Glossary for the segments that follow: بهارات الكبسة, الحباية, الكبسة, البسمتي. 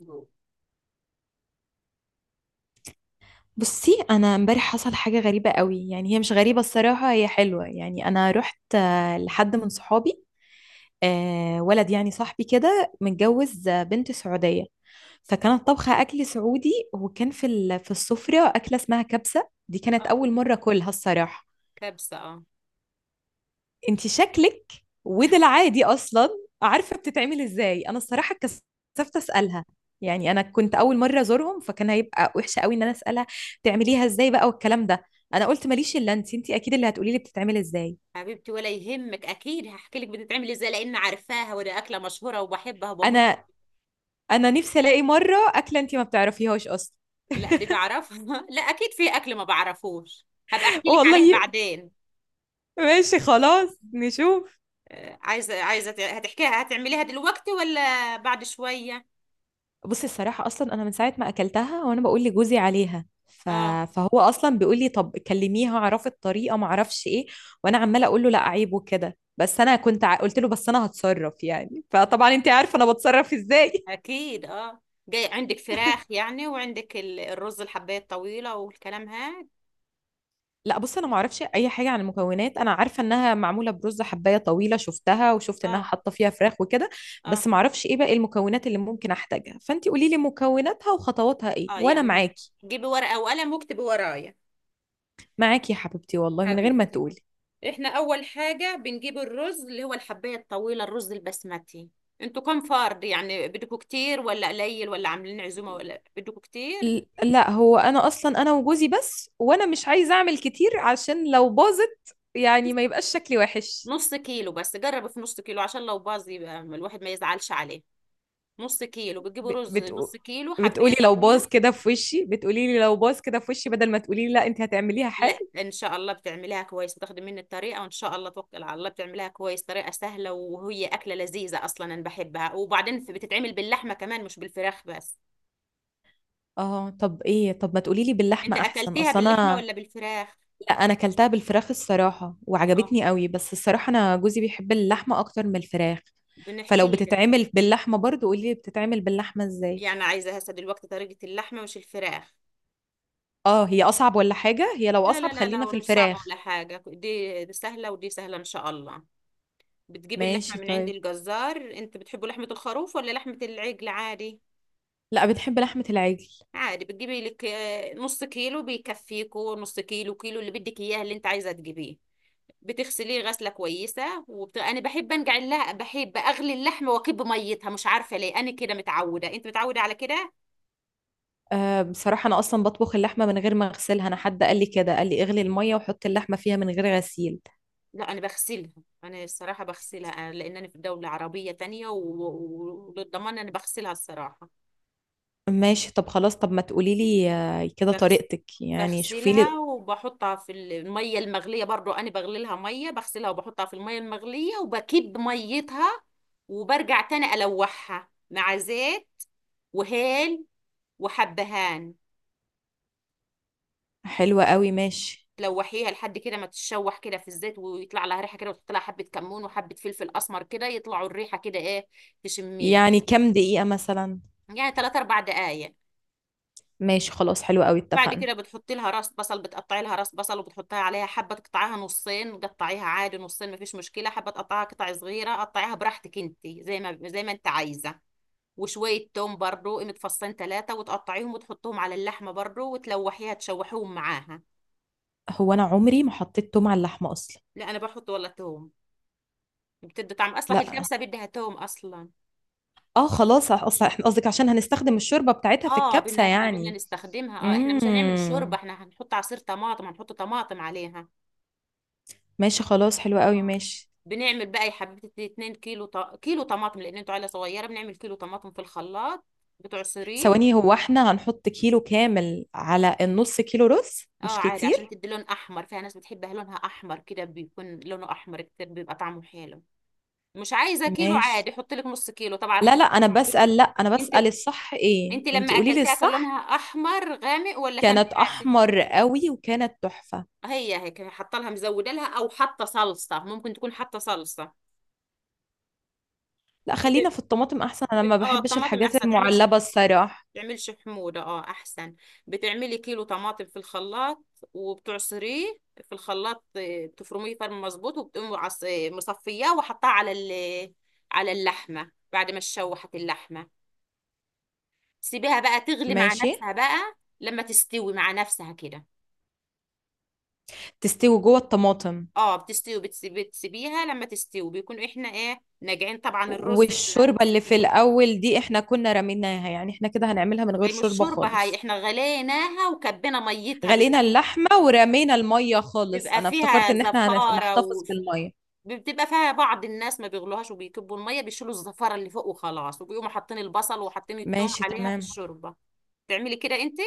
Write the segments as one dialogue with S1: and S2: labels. S1: اه.
S2: بصي انا امبارح حصل حاجه غريبه قوي. يعني هي مش غريبه الصراحه، هي حلوه. يعني انا رحت لحد من صحابي. ولد يعني صاحبي كده متجوز بنت سعوديه. فكانت طبخه اكل سعودي، وكان في في السفره اكله اسمها كبسه. دي كانت اول مره اكلها الصراحه.
S1: كبسة اه.
S2: انت شكلك وده العادي اصلا عارفه بتتعمل ازاي. انا الصراحه اتكسفت اسالها، يعني انا كنت اول مره ازورهم، فكان هيبقى وحشه قوي ان انا اسالها بتعمليها ازاي بقى والكلام ده. انا قلت ماليش الا انت اكيد اللي هتقولي لي بتتعمل ازاي.
S1: حبيبتي، ولا يهمك، اكيد هحكي لك بتتعمل ازاي، لان عارفاها وده اكله مشهوره وبحبها وبموت.
S2: انا انا نفسي الاقي مره اكله انت ما بتعرفيهاش اصلا.
S1: لا دي بعرفها. لا اكيد في اكل ما بعرفوش. هبقى احكي لك
S2: والله.
S1: عليه بعدين.
S2: ماشي خلاص نشوف.
S1: عايزه هتحكيها هتعمليها دلوقتي ولا بعد شويه؟
S2: بُصّي الصراحة أصلًا أنا من ساعة ما أكلتها وأنا باقول لجوزي عليها،
S1: اه،
S2: فهو أصلًا بيقول لي: "طب كلميها اعرفي الطريقة،" ما اعرفش إيه، وأنا عمّالة أقول له: "لأ عيب" وكده، بس أنا كنت ع قُلت له: "بس أنا هاتصرّف يعني." فطبعًا أنتِ عارفة أنا باتصرّف إزاي.
S1: اكيد اه. جاي عندك فراخ يعني، وعندك الرز الحبايه الطويله والكلام هاد؟
S2: لأ بُصّي أنا ما اعرفش أي حاجة عن المكونات، أنا عارفة إنها معمولة برُز حبّاية طويلة شُفتها، وشُفت إنها
S1: اه،
S2: حاطة فيها فراخ وكده،
S1: اه،
S2: بس ما اعرفش إيه باقي المكونات اللي ممكن أحتاجها، فأنتِ قولي لي مكوناتها وخطواتها إيه،
S1: اه،
S2: وأنا
S1: يعني
S2: معاكِ،
S1: جيبي ورقه وقلم واكتبي ورايا.
S2: معاكِ يا حبيبتي والله من غير ما
S1: حبيبتي،
S2: تقولي.
S1: احنا اول حاجة بنجيب الرز اللي هو الحباية الطويلة، الرز البسمتي. انتوا كم فرد يعني؟ بدكوا كتير ولا قليل ولا عاملين عزومة ولا بدكوا كتير؟
S2: لا، هو انا اصلا وجوزي بس، وانا مش عايزه اعمل كتير عشان لو باظت يعني ما يبقاش شكلي وحش.
S1: نص كيلو بس، جربوا في نص كيلو عشان لو باظ يبقى الواحد ما يزعلش عليه. نص كيلو بتجيبوا
S2: ب-
S1: رز،
S2: بتقو...
S1: نص كيلو حباية
S2: بتقولي لو باظ
S1: طويلة.
S2: كده في وشي، بتقولي لي لو باظ كده في وشي، بدل ما تقولي لي لا انت هتعمليها
S1: لا
S2: حلو.
S1: ان شاء الله بتعمليها كويس، بتاخدي مني الطريقة وان شاء الله توكل على الله بتعمليها كويس، طريقة سهلة وهي أكلة لذيذة اصلا انا بحبها. وبعدين بتتعمل باللحمة كمان مش بالفراخ بس.
S2: اه. طب ايه، طب ما تقولي لي
S1: انت
S2: باللحمه احسن
S1: اكلتيها
S2: اصل
S1: باللحمة
S2: انا.
S1: ولا بالفراخ؟
S2: لا انا اكلتها بالفراخ الصراحه
S1: اه،
S2: وعجبتني قوي، بس الصراحه انا جوزي بيحب اللحمه اكتر من الفراخ. فلو
S1: بنحكي لك.
S2: بتتعمل باللحمه برضو قولي لي بتتعمل باللحمه ازاي.
S1: يعني عايزة هسه دلوقتي طريقة اللحمة مش الفراخ؟
S2: اه، هي اصعب ولا حاجه؟ هي لو
S1: لا
S2: اصعب
S1: لا لا لا،
S2: خلينا في
S1: ومش صعبة
S2: الفراخ.
S1: ولا حاجة، دي سهلة ودي سهلة إن شاء الله. بتجيب اللحمة
S2: ماشي
S1: من عند
S2: طيب.
S1: الجزار، أنت بتحبوا لحمة الخروف ولا لحمة العجل عادي؟
S2: لا بنحب لحمة العجل.
S1: عادي، بتجيبي لك نص كيلو بيكفيكوا، نص كيلو كيلو اللي بدك إياه اللي أنت عايزة تجيبيه. بتغسليه غسلة كويسة، أنا بحب بحب أغلي اللحمة وأكب ميتها، مش عارفة ليه أنا كده متعودة، أنت متعودة على كده.
S2: أه بصراحة أنا أصلا بطبخ اللحمة من غير ما أغسلها، أنا حد قال لي كده قال لي اغلي المية وحط اللحمة فيها من غير غسيل.
S1: لا انا بغسلها، انا الصراحه بغسلها، لان انا في دوله عربيه تانية وللضمان انا بغسلها الصراحه.
S2: ماشي طب خلاص، طب ما تقولي لي كده
S1: بغس...
S2: طريقتك يعني شوفي لي.
S1: بغسلها وبحطها في الميه المغليه برضو، انا بغلي لها ميه، بغسلها وبحطها في الميه المغليه وبكب ميتها، وبرجع تاني الوحها مع زيت وهيل وحبهان.
S2: حلوة قوي ماشي.
S1: تلوحيها لحد كده ما تتشوح كده في الزيت، ويطلع لها ريحه كده، وتحط لها حبه كمون وحبه فلفل اسمر كده يطلعوا الريحه كده ايه، تشميها.
S2: يعني كام دقيقة مثلا؟
S1: يعني 3 4 دقائق.
S2: ماشي خلاص حلوة قوي
S1: بعد
S2: اتفقنا.
S1: كده بتحطي لها راس بصل، بتقطعي لها راس بصل وبتحطها عليها، حبه تقطعيها نصين، قطعيها عادي نصين مفيش مشكله، حبه تقطعيها قطع صغيره، قطعيها براحتك انت، زي ما انت عايزه. وشويه توم برضو، متفصلين ثلاثه، وتقطعيهم وتحطهم على اللحمه برضو وتلوحيها، تشوحيهم معاها.
S2: هو أنا عمري ما حطيت توم على اللحمة أصلا.
S1: لا انا بحط ولا توم، بتدي طعم، اصلا
S2: لا.
S1: الكبسه بدها توم اصلا.
S2: اه خلاص اصلا احنا قصدك عشان هنستخدم الشوربة بتاعتها في
S1: اه
S2: الكبسة
S1: احنا بدنا
S2: يعني.
S1: نستخدمها، اه احنا مش هنعمل شوربه،
S2: امم.
S1: احنا هنحط عصير طماطم، هنحط طماطم عليها.
S2: ماشي خلاص حلوة قوي
S1: اه،
S2: ماشي.
S1: بنعمل بقى يا حبيبتي 2 كيلو كيلو طماطم، لان انتوا عيله صغيره، بنعمل كيلو طماطم في الخلاط، بتعصريه.
S2: ثواني، هو احنا هنحط كيلو كامل على النص كيلو رز؟
S1: اه
S2: مش
S1: عادي عشان
S2: كتير؟
S1: تدي لون احمر، فيها ناس بتحبها لونها احمر كده، بيكون لونه احمر كتير بيبقى طعمه حلو. مش عايزه كيلو
S2: ماشي.
S1: عادي، حط لك نص كيلو، طبعا
S2: لا
S1: راحتك،
S2: لا،
S1: ما
S2: انا
S1: بتحبش اللون.
S2: بسأل، لا انا
S1: انت
S2: بسأل الصح ايه،
S1: انت
S2: انت
S1: لما
S2: قولي لي
S1: اكلتها كان
S2: الصح.
S1: لونها احمر غامق ولا كان
S2: كانت
S1: فاتح؟
S2: احمر قوي وكانت تحفة.
S1: هي هيك حاطه لها، مزوده لها، او حاطه صلصه، ممكن تكون حاطه صلصه.
S2: لا خلينا
S1: بت...
S2: في الطماطم احسن، انا ما
S1: اه
S2: بحبش
S1: الطماطم
S2: الحاجات
S1: احسن، تعملش
S2: المعلبة الصراحة.
S1: تعملش حموضة، اه احسن. بتعملي كيلو طماطم في الخلاط وبتعصريه في الخلاط، بتفرميه فرم مظبوط، وبتقومي مصفياه وحطاه على على اللحمة بعد ما تشوحت اللحمة. سيبيها بقى تغلي مع
S2: ماشي.
S1: نفسها، بقى لما تستوي مع نفسها كده.
S2: تستوي جوه الطماطم؟
S1: اه بتستوي، بتسيبيها لما تستوي، بيكون احنا ايه ناجعين، طبعا الرز احنا
S2: والشوربة
S1: نص
S2: اللي في
S1: فيه.
S2: الأول دي احنا كنا رميناها يعني، احنا كده هنعملها من غير
S1: هي مش
S2: شوربة
S1: شوربة هاي،
S2: خالص؟
S1: احنا غليناها وكبينا ميتها،
S2: غلينا
S1: بيبقى
S2: اللحمة ورمينا المية خالص؟
S1: بيبقى
S2: أنا افتكرت
S1: فيها
S2: إن احنا
S1: زفارة
S2: هنحتفظ بالمية.
S1: بتبقى فيها، بعض الناس ما بيغلوهاش وبيكبوا الميه، بيشيلوا الزفره اللي فوق وخلاص، وبيقوموا حاطين البصل وحاطين الثوم
S2: ماشي
S1: عليها في
S2: تمام.
S1: الشوربه. تعملي كده انت.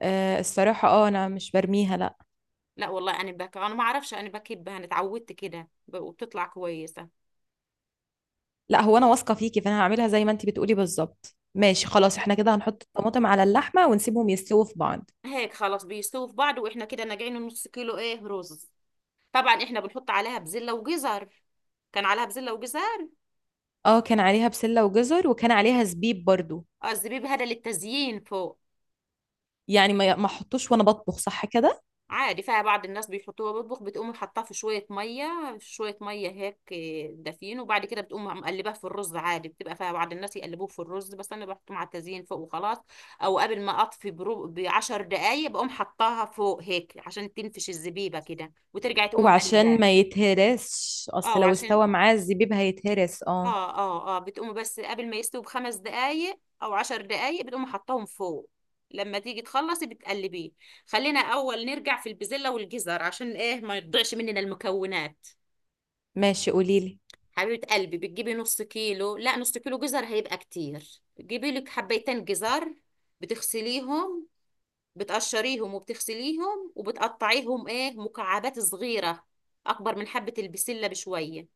S2: آه الصراحة اه انا مش برميها لا.
S1: لا والله انا بك، انا ما اعرفش، انا بكبها انا اتعودت كده وبتطلع كويسه.
S2: لا هو انا واثقة فيكي، فانا هعملها زي ما انتي بتقولي بالظبط. ماشي خلاص احنا كده هنحط الطماطم على اللحمة ونسيبهم يستووا في بعض.
S1: هيك خلاص بيستووا في بعض، واحنا كده ناقعين نص كيلو ايه رز، طبعا احنا بنحط عليها بزله وجزر، كان عليها بزله وجزر.
S2: اه كان عليها بسلة وجزر، وكان عليها زبيب برضو.
S1: الزبيب هذا للتزيين فوق.
S2: يعني ما احطوش وانا بطبخ صح كده؟
S1: عادي فيها، بعض الناس بيحطوها بيطبخ، بتقوم حاطاه في شوية مية، شوية مية هيك دافين، وبعد كده بتقوم مقلباه في الرز عادي، بتبقى فيها بعض الناس يقلبوه في الرز، بس أنا بحطه مع التزيين فوق وخلاص. أو قبل ما أطفي برو بعشر دقايق بقوم حطاها فوق هيك عشان تنفش الزبيبة كده، وترجعي تقوم
S2: وعشان
S1: مقلباه.
S2: ما يتهرسش،
S1: اه
S2: اصل لو
S1: وعشان،
S2: استوى معاه الزبيب هيتهرس اه.
S1: اه بتقوم بس قبل ما يستوي بخمس دقايق او عشر دقايق، بتقوم حطاهم فوق. لما تيجي تخلصي بتقلبيه. خلينا اول نرجع في البزلة والجزر عشان ايه ما يضيعش مننا المكونات.
S2: ماشي قوليلي.
S1: حبيبة قلبي، بتجيبي نص كيلو، لا نص كيلو جزر هيبقى كتير، تجيبي لك حبيتين جزر، بتغسليهم بتقشريهم وبتغسليهم وبتقطعيهم ايه مكعبات صغيرة، اكبر من حبة البسلة بشوية.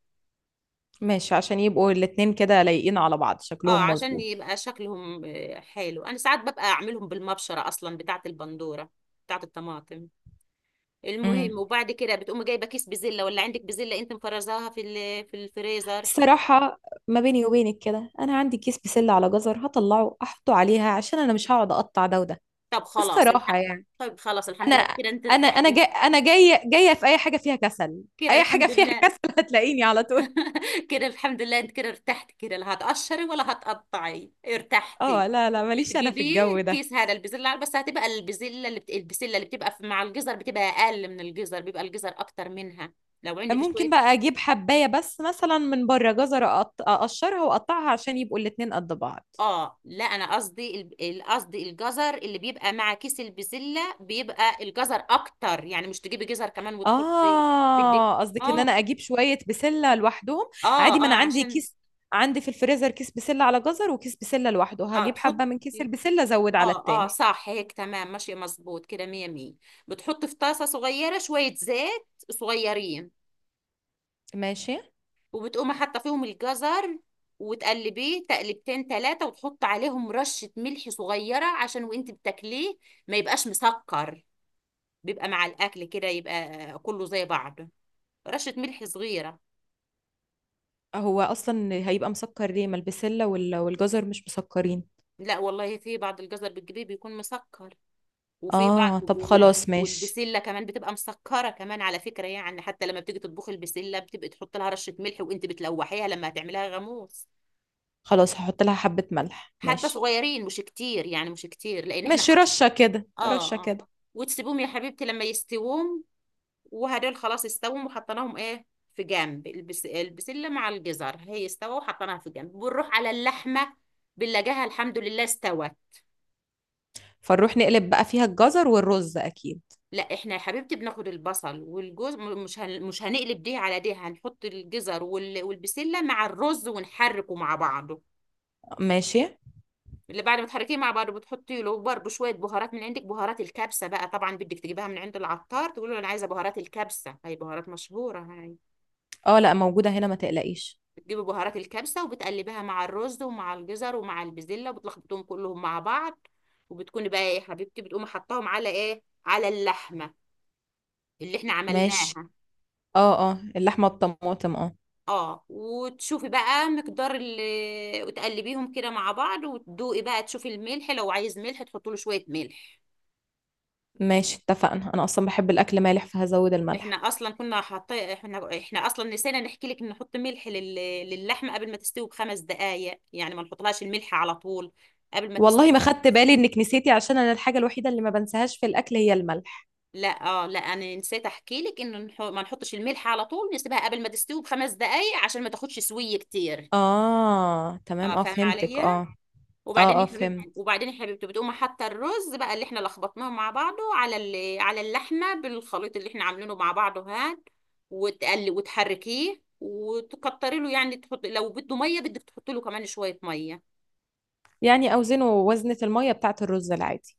S2: ماشي عشان يبقوا الاتنين كده لايقين على بعض
S1: اه
S2: شكلهم
S1: عشان
S2: مظبوط.
S1: يبقى شكلهم حلو، انا ساعات ببقى اعملهم بالمبشره اصلا، بتاعه البندوره بتاعه الطماطم. المهم، وبعد كده بتقوم جايبه كيس بزله، ولا عندك بزله انت مفرزاها في في الفريزر؟
S2: الصراحة ما بيني وبينك كده، أنا عندي كيس بسلة على جزر هطلعه أحطه عليها، عشان أنا مش هقعد أقطع ده وده.
S1: طب خلاص
S2: الصراحة
S1: الحق.
S2: يعني.
S1: طب خلاص الحمد
S2: أنا
S1: لله كده، انت
S2: أنا أنا
S1: ارتحتي.
S2: جاي أنا جاية جاية في أي حاجة فيها كسل.
S1: كده
S2: أي حاجة
S1: الحمد
S2: فيها
S1: لله.
S2: كسل هتلاقيني على طول.
S1: كده الحمد لله، انت كده ارتحتي، كده لا هتقشري ولا هتقطعي،
S2: أه
S1: ارتحتي.
S2: لا لا ماليش أنا في
S1: بتجيبيه
S2: الجو ده.
S1: الكيس هذا البزلة بس هتبقى البسلة اللي بتبقى مع الجزر بتبقى أقل من الجزر، بيبقى الجزر أكتر منها، لو عندك
S2: ممكن
S1: شوية.
S2: بقى أجيب حباية بس مثلا من بره جزر، أقشرها وأقطعها عشان يبقوا الاتنين قد بعض.
S1: اه لا أنا قصدي قصدي الجزر اللي بيبقى مع كيس البزلة بيبقى الجزر أكتر، يعني مش تجيبي جزر كمان وتحطي. بدك،
S2: اه قصدك ان
S1: اه
S2: انا اجيب شويه بسله لوحدهم. عادي، ما انا
S1: اه
S2: عندي
S1: عشان.
S2: كيس. عندي في الفريزر كيس بسله على جزر وكيس بسله لوحده،
S1: اه
S2: هجيب حبه من كيس
S1: تحطي،
S2: البسله ازود على
S1: اه
S2: التاني.
S1: صح هيك تمام ماشي مظبوط كده، مية مية. بتحط في طاسة صغيرة شوية زيت صغيرين،
S2: ماشي.
S1: وبتقوم حاطة فيهم الجزر، وتقلبيه تقلبتين تلاتة، وتحط عليهم رشة ملح صغيرة عشان وانت بتاكليه ما يبقاش مسكر، بيبقى مع الأكل كده يبقى كله زي بعضه، رشة ملح صغيرة.
S2: هو اصلا هيبقى مسكر ليه، ما البسله والجزر مش مسكرين.
S1: لا والله في بعض الجزر بتجيبيه بيكون مسكر، وفي بعض
S2: اه طب خلاص ماشي.
S1: والبسله كمان بتبقى مسكره كمان على فكره، يعني حتى لما بتيجي تطبخي البسله بتبقى تحط لها رشه ملح وانت بتلوحيها لما هتعمليها غاموس.
S2: خلاص هحط لها حبه ملح
S1: حبه
S2: ماشي.
S1: صغيرين، مش كتير يعني، مش كتير لان احنا
S2: ماشي رشه كده
S1: اه،
S2: رشه
S1: اه،
S2: كده.
S1: وتسيبهم يا حبيبتي لما يستوهم، وهدول خلاص استوهم وحطيناهم ايه في جنب. البسله مع الجزر هي استوى وحطيناها في جنب، بنروح على اللحمه بنلاقيها الحمد لله استوت.
S2: فنروح نقلب بقى فيها الجزر والرز اكيد.
S1: لا احنا يا حبيبتي بناخد البصل والجوز مش هنقلب دي على دي، هنحط الجزر والبسله مع الرز ونحركه مع بعضه.
S2: ماشي.
S1: اللي بعد ما تحركيه مع بعضه بتحطي له برضه شويه بهارات من عندك، بهارات الكبسه بقى، طبعا بدك تجيبها من عند العطار، تقول له انا عايزه بهارات الكبسه، هي بهارات مشهوره هاي.
S2: اه لا موجوده هنا ما تقلقيش.
S1: بتجيبي بهارات الكبسه وبتقلبها مع الرز ومع الجزر ومع البسله، وبتلخبطهم كلهم مع بعض، وبتكوني بقى إيه يا حبيبتي، بتقومي حطاهم على ايه، على اللحمه اللي احنا
S2: ماشي.
S1: عملناها.
S2: اه اه اللحمه بطماطم اه.
S1: اه وتشوفي بقى مقدار اللي، وتقلبيهم كده مع بعض، وتدوقي بقى تشوفي الملح، لو عايز ملح تحطي له شويه ملح.
S2: ماشي اتفقنا انا اصلا بحب الاكل مالح فهزود
S1: احنا
S2: الملح.
S1: اصلا كنا حاطين، احنا اصلا نسينا نحكي لك ان نحط ملح للحمه قبل ما تستوي بخمس دقائق، يعني ما نحطلهاش الملح على طول قبل ما
S2: والله ما
S1: تستوي.
S2: خدت بالي انك نسيتي، عشان انا الحاجه الوحيده اللي ما بنساهاش في الاكل هي الملح.
S1: لا لا انا نسيت احكي لك ان ما نحطش الملح على طول، نسيبها قبل ما تستوي بخمس دقائق عشان ما تاخدش سويه كتير.
S2: اه تمام،
S1: اه
S2: اه
S1: فاهمه
S2: فهمتك
S1: عليا.
S2: اه.
S1: وبعدين
S2: اه اه فهمت.
S1: يا حبيبتي بتقوم حاطه الرز بقى اللي احنا لخبطناه مع بعضه على على اللحمه بالخليط اللي احنا عاملينه مع بعضه هاد. وتقلي وتحركيه وتكتري له، يعني تحط، لو بده ميه بدك تحط له كمان شويه ميه.
S2: يعني اوزنه وزنة المية بتاعة الرز العادي؟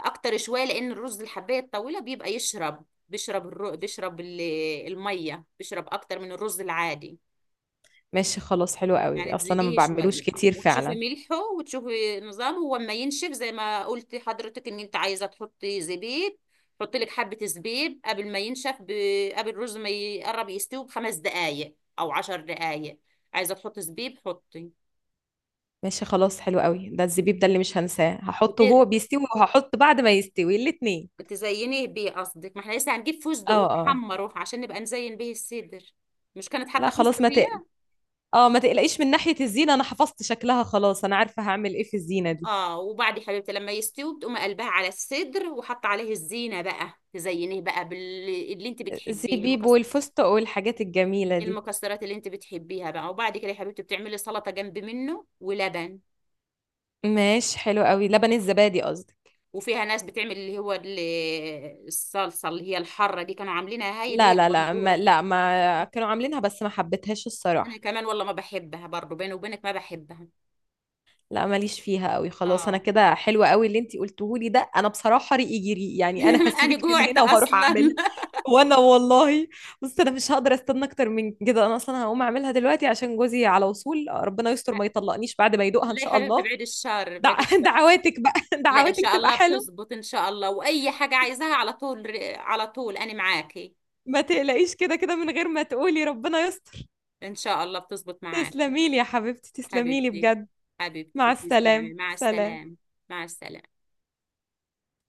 S1: اكتر شويه لان الرز الحبايه الطويله بيبقى يشرب، بيشرب الر... بيشرب ال... الميه، بيشرب اكتر من الرز العادي.
S2: ماشي خلاص حلو قوي،
S1: يعني
S2: اصلا انا ما
S1: تزيديه
S2: بعملوش
S1: شوية،
S2: كتير
S1: وتشوفي
S2: فعلا.
S1: ملحه وتشوفي نظامه هو ما ينشف، زي ما قلتي حضرتك ان انت عايزة تحطي زبيب، حطي لك حبة زبيب قبل ما ينشف، قبل الرز ما يقرب يستوي بخمس دقايق او عشر دقايق، عايزة تحطي زبيب حطي.
S2: ماشي خلاص حلو قوي. ده الزبيب ده اللي مش هنساه، هحطه
S1: وت...
S2: وهو بيستوي، وهحط بعد ما يستوي الاتنين.
S1: تزينيه بيه قصدك، ما احنا لسه هنجيب فستق
S2: اه اه.
S1: ونحمره عشان نبقى نزين بيه الصدر. مش كانت
S2: لا
S1: حاطة
S2: خلاص
S1: فستق
S2: ما
S1: هي؟
S2: تقل اه ما تقلقيش من ناحية الزينة، انا حفظت شكلها خلاص، انا عارفة هعمل ايه في الزينة دي.
S1: اه، وبعد يا حبيبتي لما يستوي بتقوم قلبها على الصدر وحط عليه الزينة بقى، تزينيه بقى باللي انت
S2: زي
S1: بتحبيه
S2: بيب
S1: المكسر،
S2: والفستق والحاجات الجميلة دي.
S1: المكسرات اللي انت بتحبيها بقى، وبعد كده يا حبيبتي بتعملي سلطة جنب منه ولبن.
S2: ماشي حلو قوي، لبن الزبادي قصدي.
S1: وفيها ناس بتعمل اللي هو الصلصة اللي هي الحارة دي، كانوا عاملينها هاي اللي هي
S2: لا لا لا، ما
S1: البندورة.
S2: لا ما كانوا عاملينها بس ما حبيتهاش
S1: انا
S2: الصراحة.
S1: كمان والله ما بحبها برضه، بيني وبينك ما بحبها.
S2: لا ماليش فيها قوي خلاص، انا
S1: اه.
S2: كده. حلوة قوي اللي انتي قلتهولي ده، انا بصراحة ريقي جري يعني، انا
S1: انا
S2: هسيبك من
S1: جوعت
S2: هنا وهروح
S1: اصلا.
S2: اعملها. وانا والله. بص انا مش هقدر استنى اكتر من كده، انا اصلا هقوم اعملها دلوقتي عشان جوزي على وصول، ربنا يستر ما يطلقنيش بعد ما يدوقها ان
S1: لا يا
S2: شاء
S1: حبيبتي
S2: الله.
S1: بعيد الشر،
S2: دع...
S1: بعيد الشر.
S2: دعواتك بقى
S1: لا ان
S2: دعواتك
S1: شاء
S2: تبقى
S1: الله
S2: حلوة.
S1: بتزبط، ان شاء الله، واي حاجة عايزاها على طول، على طول انا معاكي.
S2: ما تقلقيش كده كده من غير ما تقولي ربنا يستر.
S1: ان شاء الله بتزبط معاكي.
S2: تسلمي لي يا حبيبتي تسلمي لي
S1: حبيبتي،
S2: بجد. مع
S1: حبيبتي
S2: السلامة
S1: تسلمي، مع
S2: سلام.
S1: السلامة. مع السلامة.